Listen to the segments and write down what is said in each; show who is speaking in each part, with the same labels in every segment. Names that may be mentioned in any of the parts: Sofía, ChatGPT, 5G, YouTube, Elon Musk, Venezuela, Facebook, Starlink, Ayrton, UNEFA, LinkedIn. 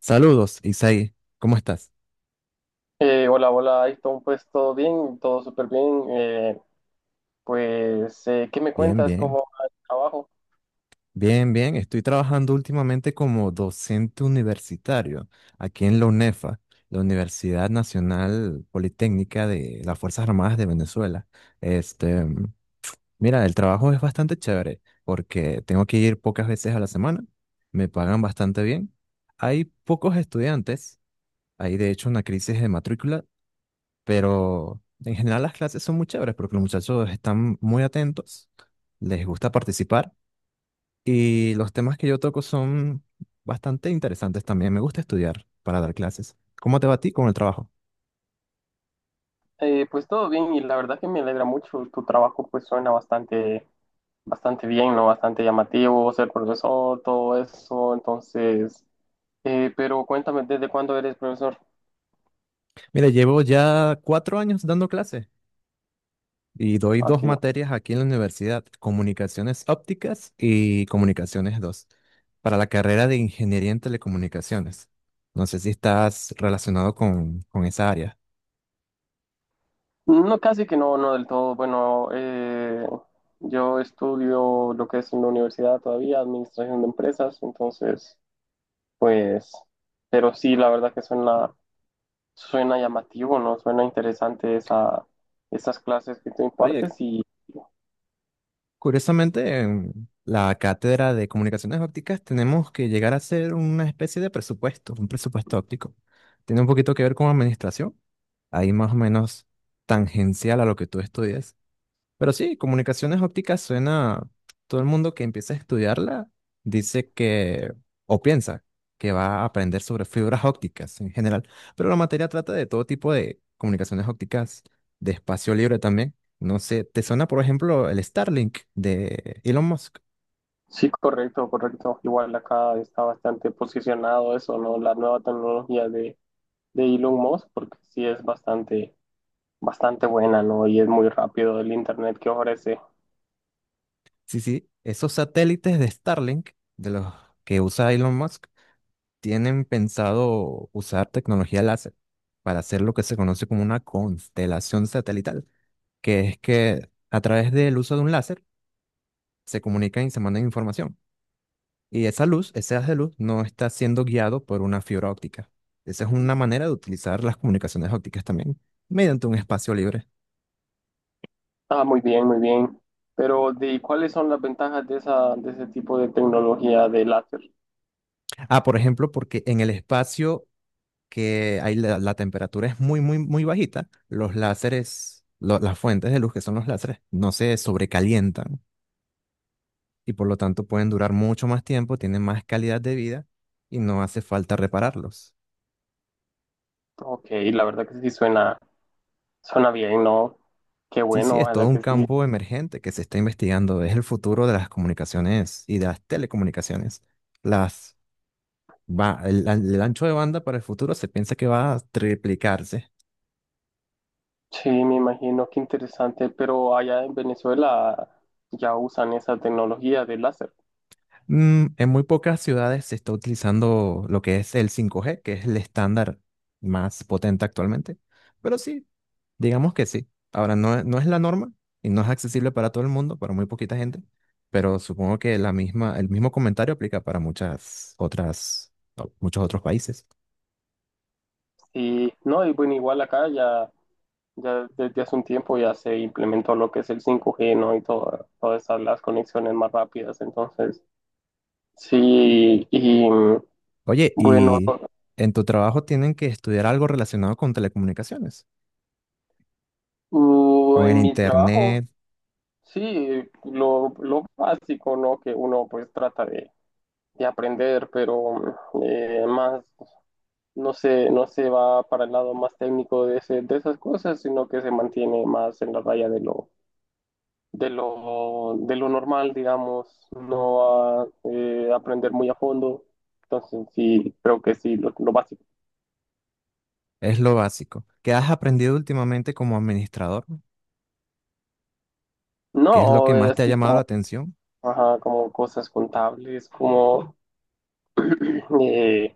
Speaker 1: Saludos, Isaí. ¿Cómo estás?
Speaker 2: Hola, hola, Ayrton, pues todo bien, todo súper bien. ¿Qué me
Speaker 1: Bien,
Speaker 2: cuentas?
Speaker 1: bien.
Speaker 2: ¿Cómo va el trabajo?
Speaker 1: Bien, bien. Estoy trabajando últimamente como docente universitario aquí en la UNEFA, la Universidad Nacional Politécnica de las Fuerzas Armadas de Venezuela. Este, mira, el trabajo es bastante chévere porque tengo que ir pocas veces a la semana. Me pagan bastante bien. Hay pocos estudiantes. Hay de hecho una crisis de matrícula. Pero en general las clases son muy chéveres porque los muchachos están muy atentos, les gusta participar y los temas que yo toco son bastante interesantes también. Me gusta estudiar para dar clases. ¿Cómo te va a ti con el trabajo?
Speaker 2: Pues todo bien y la verdad que me alegra mucho. Tu trabajo pues suena bastante bien, ¿no? Bastante llamativo, ser profesor, todo eso. Entonces, pero cuéntame, ¿desde cuándo eres profesor?
Speaker 1: Mira, llevo ya 4 años dando clases y doy
Speaker 2: Ah,
Speaker 1: dos
Speaker 2: qué bien.
Speaker 1: materias aquí en la universidad, comunicaciones ópticas y comunicaciones 2 para la carrera de ingeniería en telecomunicaciones. No sé si estás relacionado con esa área.
Speaker 2: No, casi que no, no del todo. Bueno, yo estudio lo que es en la universidad todavía, administración de empresas, entonces... Pues, pero sí, la verdad que suena llamativo, ¿no? Suena interesante esas clases que tú
Speaker 1: Oye.
Speaker 2: impartes y
Speaker 1: Curiosamente, en la cátedra de comunicaciones ópticas tenemos que llegar a hacer una especie de presupuesto, un presupuesto óptico. Tiene un poquito que ver con administración, ahí más o menos tangencial a lo que tú estudias. Pero sí, comunicaciones ópticas suena, todo el mundo que empieza a estudiarla dice que, o piensa que va a aprender sobre fibras ópticas en general, pero la materia trata de todo tipo de comunicaciones ópticas de espacio libre también. No sé, ¿te suena por ejemplo el Starlink de Elon Musk?
Speaker 2: sí, correcto, correcto. Igual acá está bastante posicionado eso, ¿no? La nueva tecnología de Elon Musk, porque sí es bastante buena, ¿no? Y es muy rápido el internet que ofrece.
Speaker 1: Sí, sí, esos satélites de Starlink, de los que usa Elon Musk, tienen pensado usar tecnología láser para hacer lo que se conoce como una constelación satelital que es que a través del uso de un láser se comunican y se mandan información. Y esa luz, ese haz de luz, no está siendo guiado por una fibra óptica. Esa es una manera de utilizar las comunicaciones ópticas también, mediante un espacio libre.
Speaker 2: Ah, muy bien, muy bien. Pero, ¿de cuáles son las ventajas de de ese tipo de tecnología de láser?
Speaker 1: Ah, por ejemplo, porque en el espacio que hay la temperatura es muy, muy, muy bajita, los láseres, las fuentes de luz que son los láseres, no se sobrecalientan y por lo tanto pueden durar mucho más tiempo, tienen más calidad de vida y no hace falta repararlos.
Speaker 2: Ok, la verdad que sí suena. Suena bien, ¿no? Qué
Speaker 1: Sí, sí,
Speaker 2: bueno,
Speaker 1: es todo
Speaker 2: ojalá
Speaker 1: un
Speaker 2: que sí.
Speaker 1: campo emergente que se está investigando. Es el futuro de las comunicaciones y de las telecomunicaciones. Las va, el ancho de banda para el futuro se piensa que va a triplicarse.
Speaker 2: Sí, me imagino, qué interesante, pero allá en Venezuela ya usan esa tecnología de láser.
Speaker 1: Mm, en muy pocas ciudades se está utilizando lo que es el 5G, que es el estándar más potente actualmente. Pero sí, digamos que sí. Ahora, no, no es la norma y no es accesible para todo el mundo, para muy poquita gente. Pero supongo que la misma, el mismo comentario aplica para muchas otras, muchos otros países.
Speaker 2: Y no, y bueno, igual acá ya desde hace un tiempo ya se implementó lo que es el 5G, ¿no? Y todas esas, las conexiones más rápidas. Entonces, sí, y
Speaker 1: Oye,
Speaker 2: bueno,
Speaker 1: ¿y en tu trabajo tienen que estudiar algo relacionado con telecomunicaciones? Con el
Speaker 2: en mi trabajo,
Speaker 1: internet,
Speaker 2: sí, lo básico, ¿no? Que uno pues trata de aprender, pero más. No se, no se va para el lado más técnico de esas cosas, sino que se mantiene más en la raya de lo normal, digamos, no va a aprender muy a fondo. Entonces, sí, creo que sí, lo básico.
Speaker 1: es lo básico. ¿Qué has aprendido últimamente como administrador? ¿Qué es lo que
Speaker 2: No,
Speaker 1: más te ha
Speaker 2: así
Speaker 1: llamado la
Speaker 2: como,
Speaker 1: atención?
Speaker 2: ajá, como cosas contables, como eh,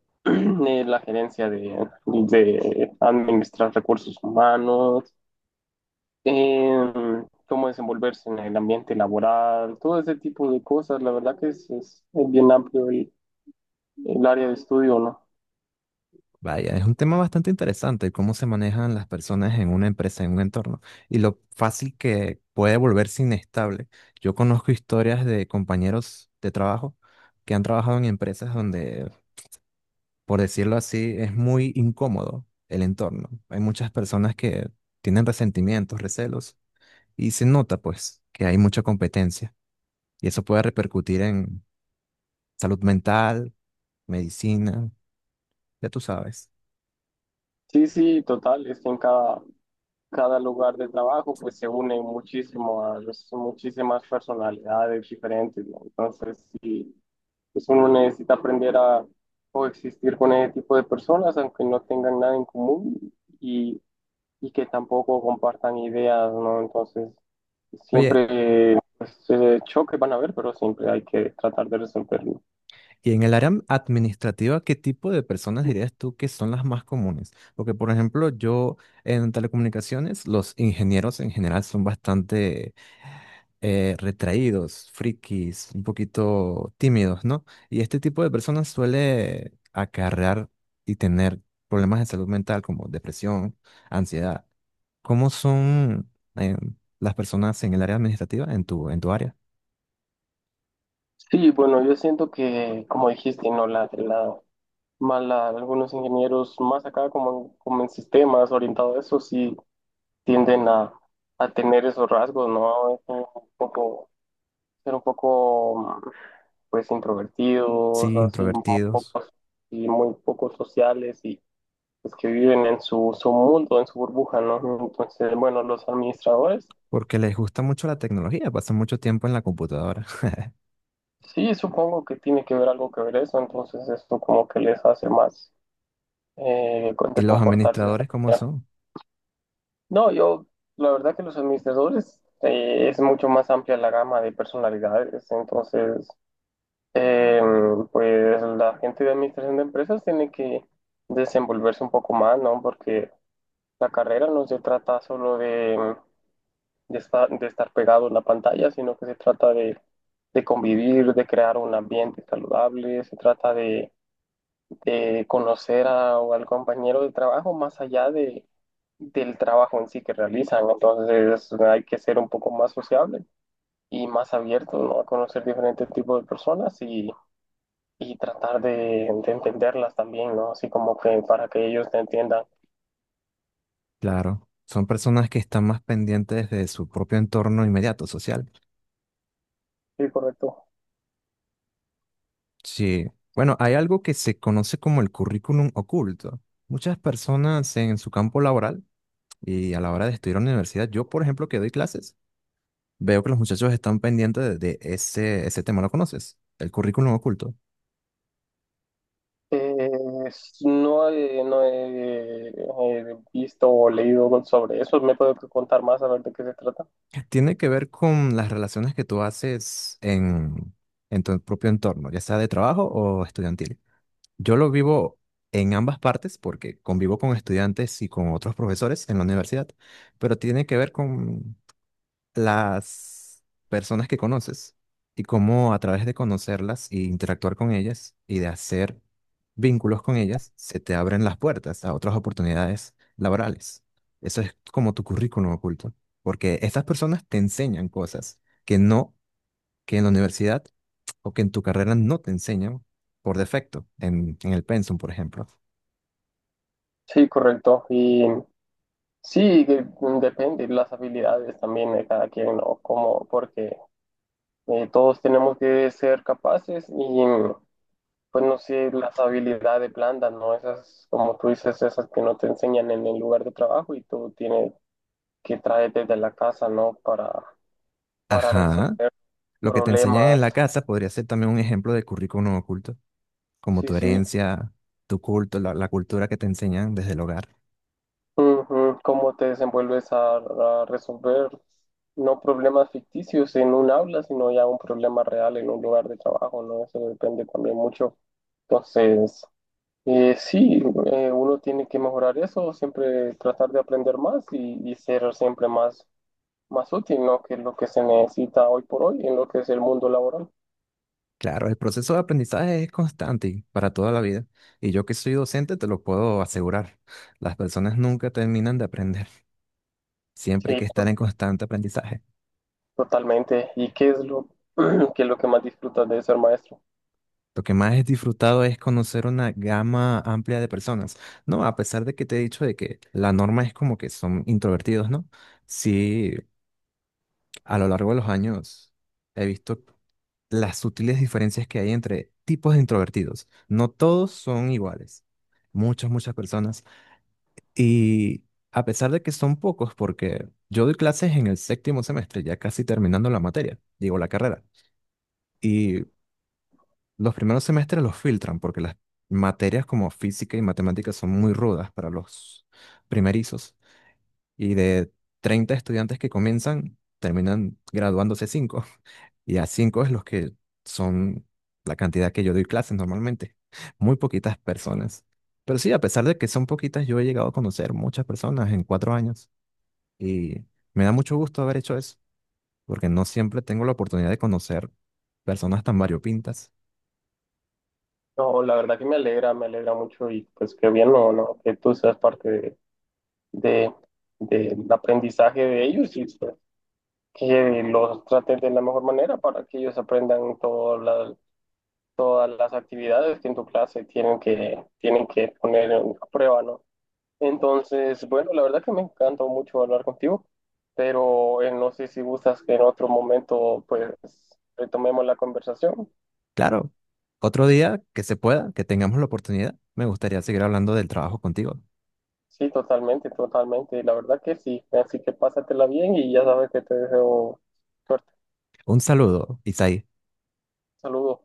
Speaker 2: la gerencia de administrar recursos humanos, eh, cómo desenvolverse en el ambiente laboral, todo ese tipo de cosas. La verdad que es bien amplio el área de estudio, ¿no?
Speaker 1: Vaya, es un tema bastante interesante, cómo se manejan las personas en una empresa, en un entorno, y lo fácil que puede volverse inestable. Yo conozco historias de compañeros de trabajo que han trabajado en empresas donde, por decirlo así, es muy incómodo el entorno. Hay muchas personas que tienen resentimientos, recelos, y se nota pues que hay mucha competencia. Y eso puede repercutir en salud mental, medicina, ya tú sabes.
Speaker 2: Sí, sí, total, es que en cada lugar de trabajo pues se unen muchísimo a muchísimas personalidades diferentes, ¿no? Entonces, sí, pues uno necesita aprender a coexistir con ese tipo de personas, aunque no tengan nada en común y que tampoco compartan ideas, ¿no? Entonces,
Speaker 1: Oye,
Speaker 2: siempre pues, choques van a haber, pero siempre hay que tratar de resolverlo.
Speaker 1: y en el área administrativa, ¿qué tipo de personas dirías tú que son las más comunes? Porque, por ejemplo, yo en telecomunicaciones, los ingenieros en general son bastante retraídos, frikis, un poquito tímidos, ¿no? Y este tipo de personas suele acarrear y tener problemas de salud mental como depresión, ansiedad. ¿Cómo son eh, las personas en el área administrativa, en en tu área?
Speaker 2: Sí, bueno, yo siento que, como dijiste, ¿no? Más algunos ingenieros más acá, como en sistemas orientados a eso, sí tienden a tener esos rasgos, ¿no? Es un poco, ser un poco, pues, introvertidos,
Speaker 1: Sí,
Speaker 2: así, un poco,
Speaker 1: introvertidos.
Speaker 2: y muy poco sociales y pues, que viven en su mundo, en su burbuja, ¿no? Entonces, bueno, los administradores,
Speaker 1: Porque les gusta mucho la tecnología, pasan mucho tiempo en la computadora.
Speaker 2: sí, supongo que tiene que ver algo que ver eso, entonces esto como que les hace más
Speaker 1: ¿Y
Speaker 2: de
Speaker 1: los
Speaker 2: comportarse de esa
Speaker 1: administradores cómo
Speaker 2: manera.
Speaker 1: son?
Speaker 2: No, yo, la verdad que los administradores es mucho más amplia la gama de personalidades, entonces, eh, pues la gente de administración de empresas tiene que desenvolverse un poco más, ¿no? Porque la carrera no se trata solo de de estar pegado en la pantalla, sino que se trata de convivir, de crear un ambiente saludable, se trata de conocer a, al compañero de trabajo más allá de, del trabajo en sí que realizan. Entonces hay que ser un poco más sociable y más abierto, ¿no? A conocer diferentes tipos de personas y tratar de entenderlas también, ¿no? Así como que para que ellos te entiendan.
Speaker 1: Claro, son personas que están más pendientes de su propio entorno inmediato social.
Speaker 2: Sí, correcto.
Speaker 1: Sí. Bueno, hay algo que se conoce como el currículum oculto. Muchas personas en su campo laboral y a la hora de estudiar en la universidad, yo por ejemplo que doy clases, veo que los muchachos están pendientes de ese, ese tema. ¿Lo conoces? El currículum oculto.
Speaker 2: Eh, no he, visto o leído sobre eso. ¿Me puede contar más a ver de qué se trata?
Speaker 1: Tiene que ver con las relaciones que tú haces en tu propio entorno, ya sea de trabajo o estudiantil. Yo lo vivo en ambas partes porque convivo con estudiantes y con otros profesores en la universidad, pero tiene que ver con las personas que conoces y cómo a través de conocerlas y interactuar con ellas y de hacer vínculos con ellas, se te abren las puertas a otras oportunidades laborales. Eso es como tu currículum oculto, porque estas personas te enseñan cosas que no, que en la universidad o que en tu carrera no te enseñan por defecto, en el pensum, por ejemplo.
Speaker 2: Sí, correcto. Y sí, que, mm, depende las habilidades también de cada quien, ¿no? Como, porque todos tenemos que ser capaces y, pues no sé, las habilidades blandas, ¿no? Esas, como tú dices, esas que no te enseñan en el lugar de trabajo y tú tienes que traer desde la casa, ¿no? Para
Speaker 1: Ajá.
Speaker 2: resolver
Speaker 1: Lo que te enseñan en
Speaker 2: problemas.
Speaker 1: la casa podría ser también un ejemplo de currículum oculto, como
Speaker 2: Sí,
Speaker 1: tu
Speaker 2: sí.
Speaker 1: herencia, tu culto, la cultura que te enseñan desde el hogar.
Speaker 2: Ujú, ¿cómo te desenvuelves a resolver no problemas ficticios en un aula, sino ya un problema real en un lugar de trabajo, ¿no? Eso depende también mucho. Entonces, sí, uno tiene que mejorar eso, siempre tratar de aprender más y ser siempre más útil, ¿no? Que es lo que se necesita hoy por hoy en lo que es el mundo laboral.
Speaker 1: Claro, el proceso de aprendizaje es constante y para toda la vida. Y yo que soy docente te lo puedo asegurar. Las personas nunca terminan de aprender. Siempre hay
Speaker 2: Sí,
Speaker 1: que
Speaker 2: to-
Speaker 1: estar en constante aprendizaje.
Speaker 2: Totalmente. ¿Y qué es qué es lo que más disfrutas de ser maestro?
Speaker 1: Lo que más he disfrutado es conocer una gama amplia de personas. No, a pesar de que te he dicho de que la norma es como que son introvertidos, ¿no? Sí, a lo largo de los años he visto las sutiles diferencias que hay entre tipos de introvertidos. No todos son iguales. Muchas, muchas personas. Y a pesar de que son pocos, porque yo doy clases en el séptimo semestre, ya casi terminando la materia, digo la carrera. Y los primeros semestres los filtran porque las materias como física y matemáticas son muy rudas para los primerizos. Y de 30 estudiantes que comienzan, terminan graduándose cinco. Y a 5 es los que son la cantidad que yo doy clases normalmente. Muy poquitas personas. Pero sí, a pesar de que son poquitas, yo he llegado a conocer muchas personas en 4 años. Y me da mucho gusto haber hecho eso, porque no siempre tengo la oportunidad de conocer personas tan variopintas.
Speaker 2: No, la verdad que me alegra mucho y pues qué bien, no, no, que tú seas parte de- del aprendizaje de ellos y pues, que los trates de la mejor manera para que ellos aprendan todas todas las actividades que en tu clase tienen tienen que poner en a prueba, ¿no? Entonces, bueno, la verdad que me encantó mucho hablar contigo, pero no sé si gustas que en otro momento pues retomemos la conversación.
Speaker 1: Claro, otro día que se pueda, que tengamos la oportunidad, me gustaría seguir hablando del trabajo contigo.
Speaker 2: Sí, totalmente, totalmente. La verdad que sí. Así que pásatela bien y ya sabes que te deseo suerte.
Speaker 1: Un saludo, Isaí.
Speaker 2: Saludos.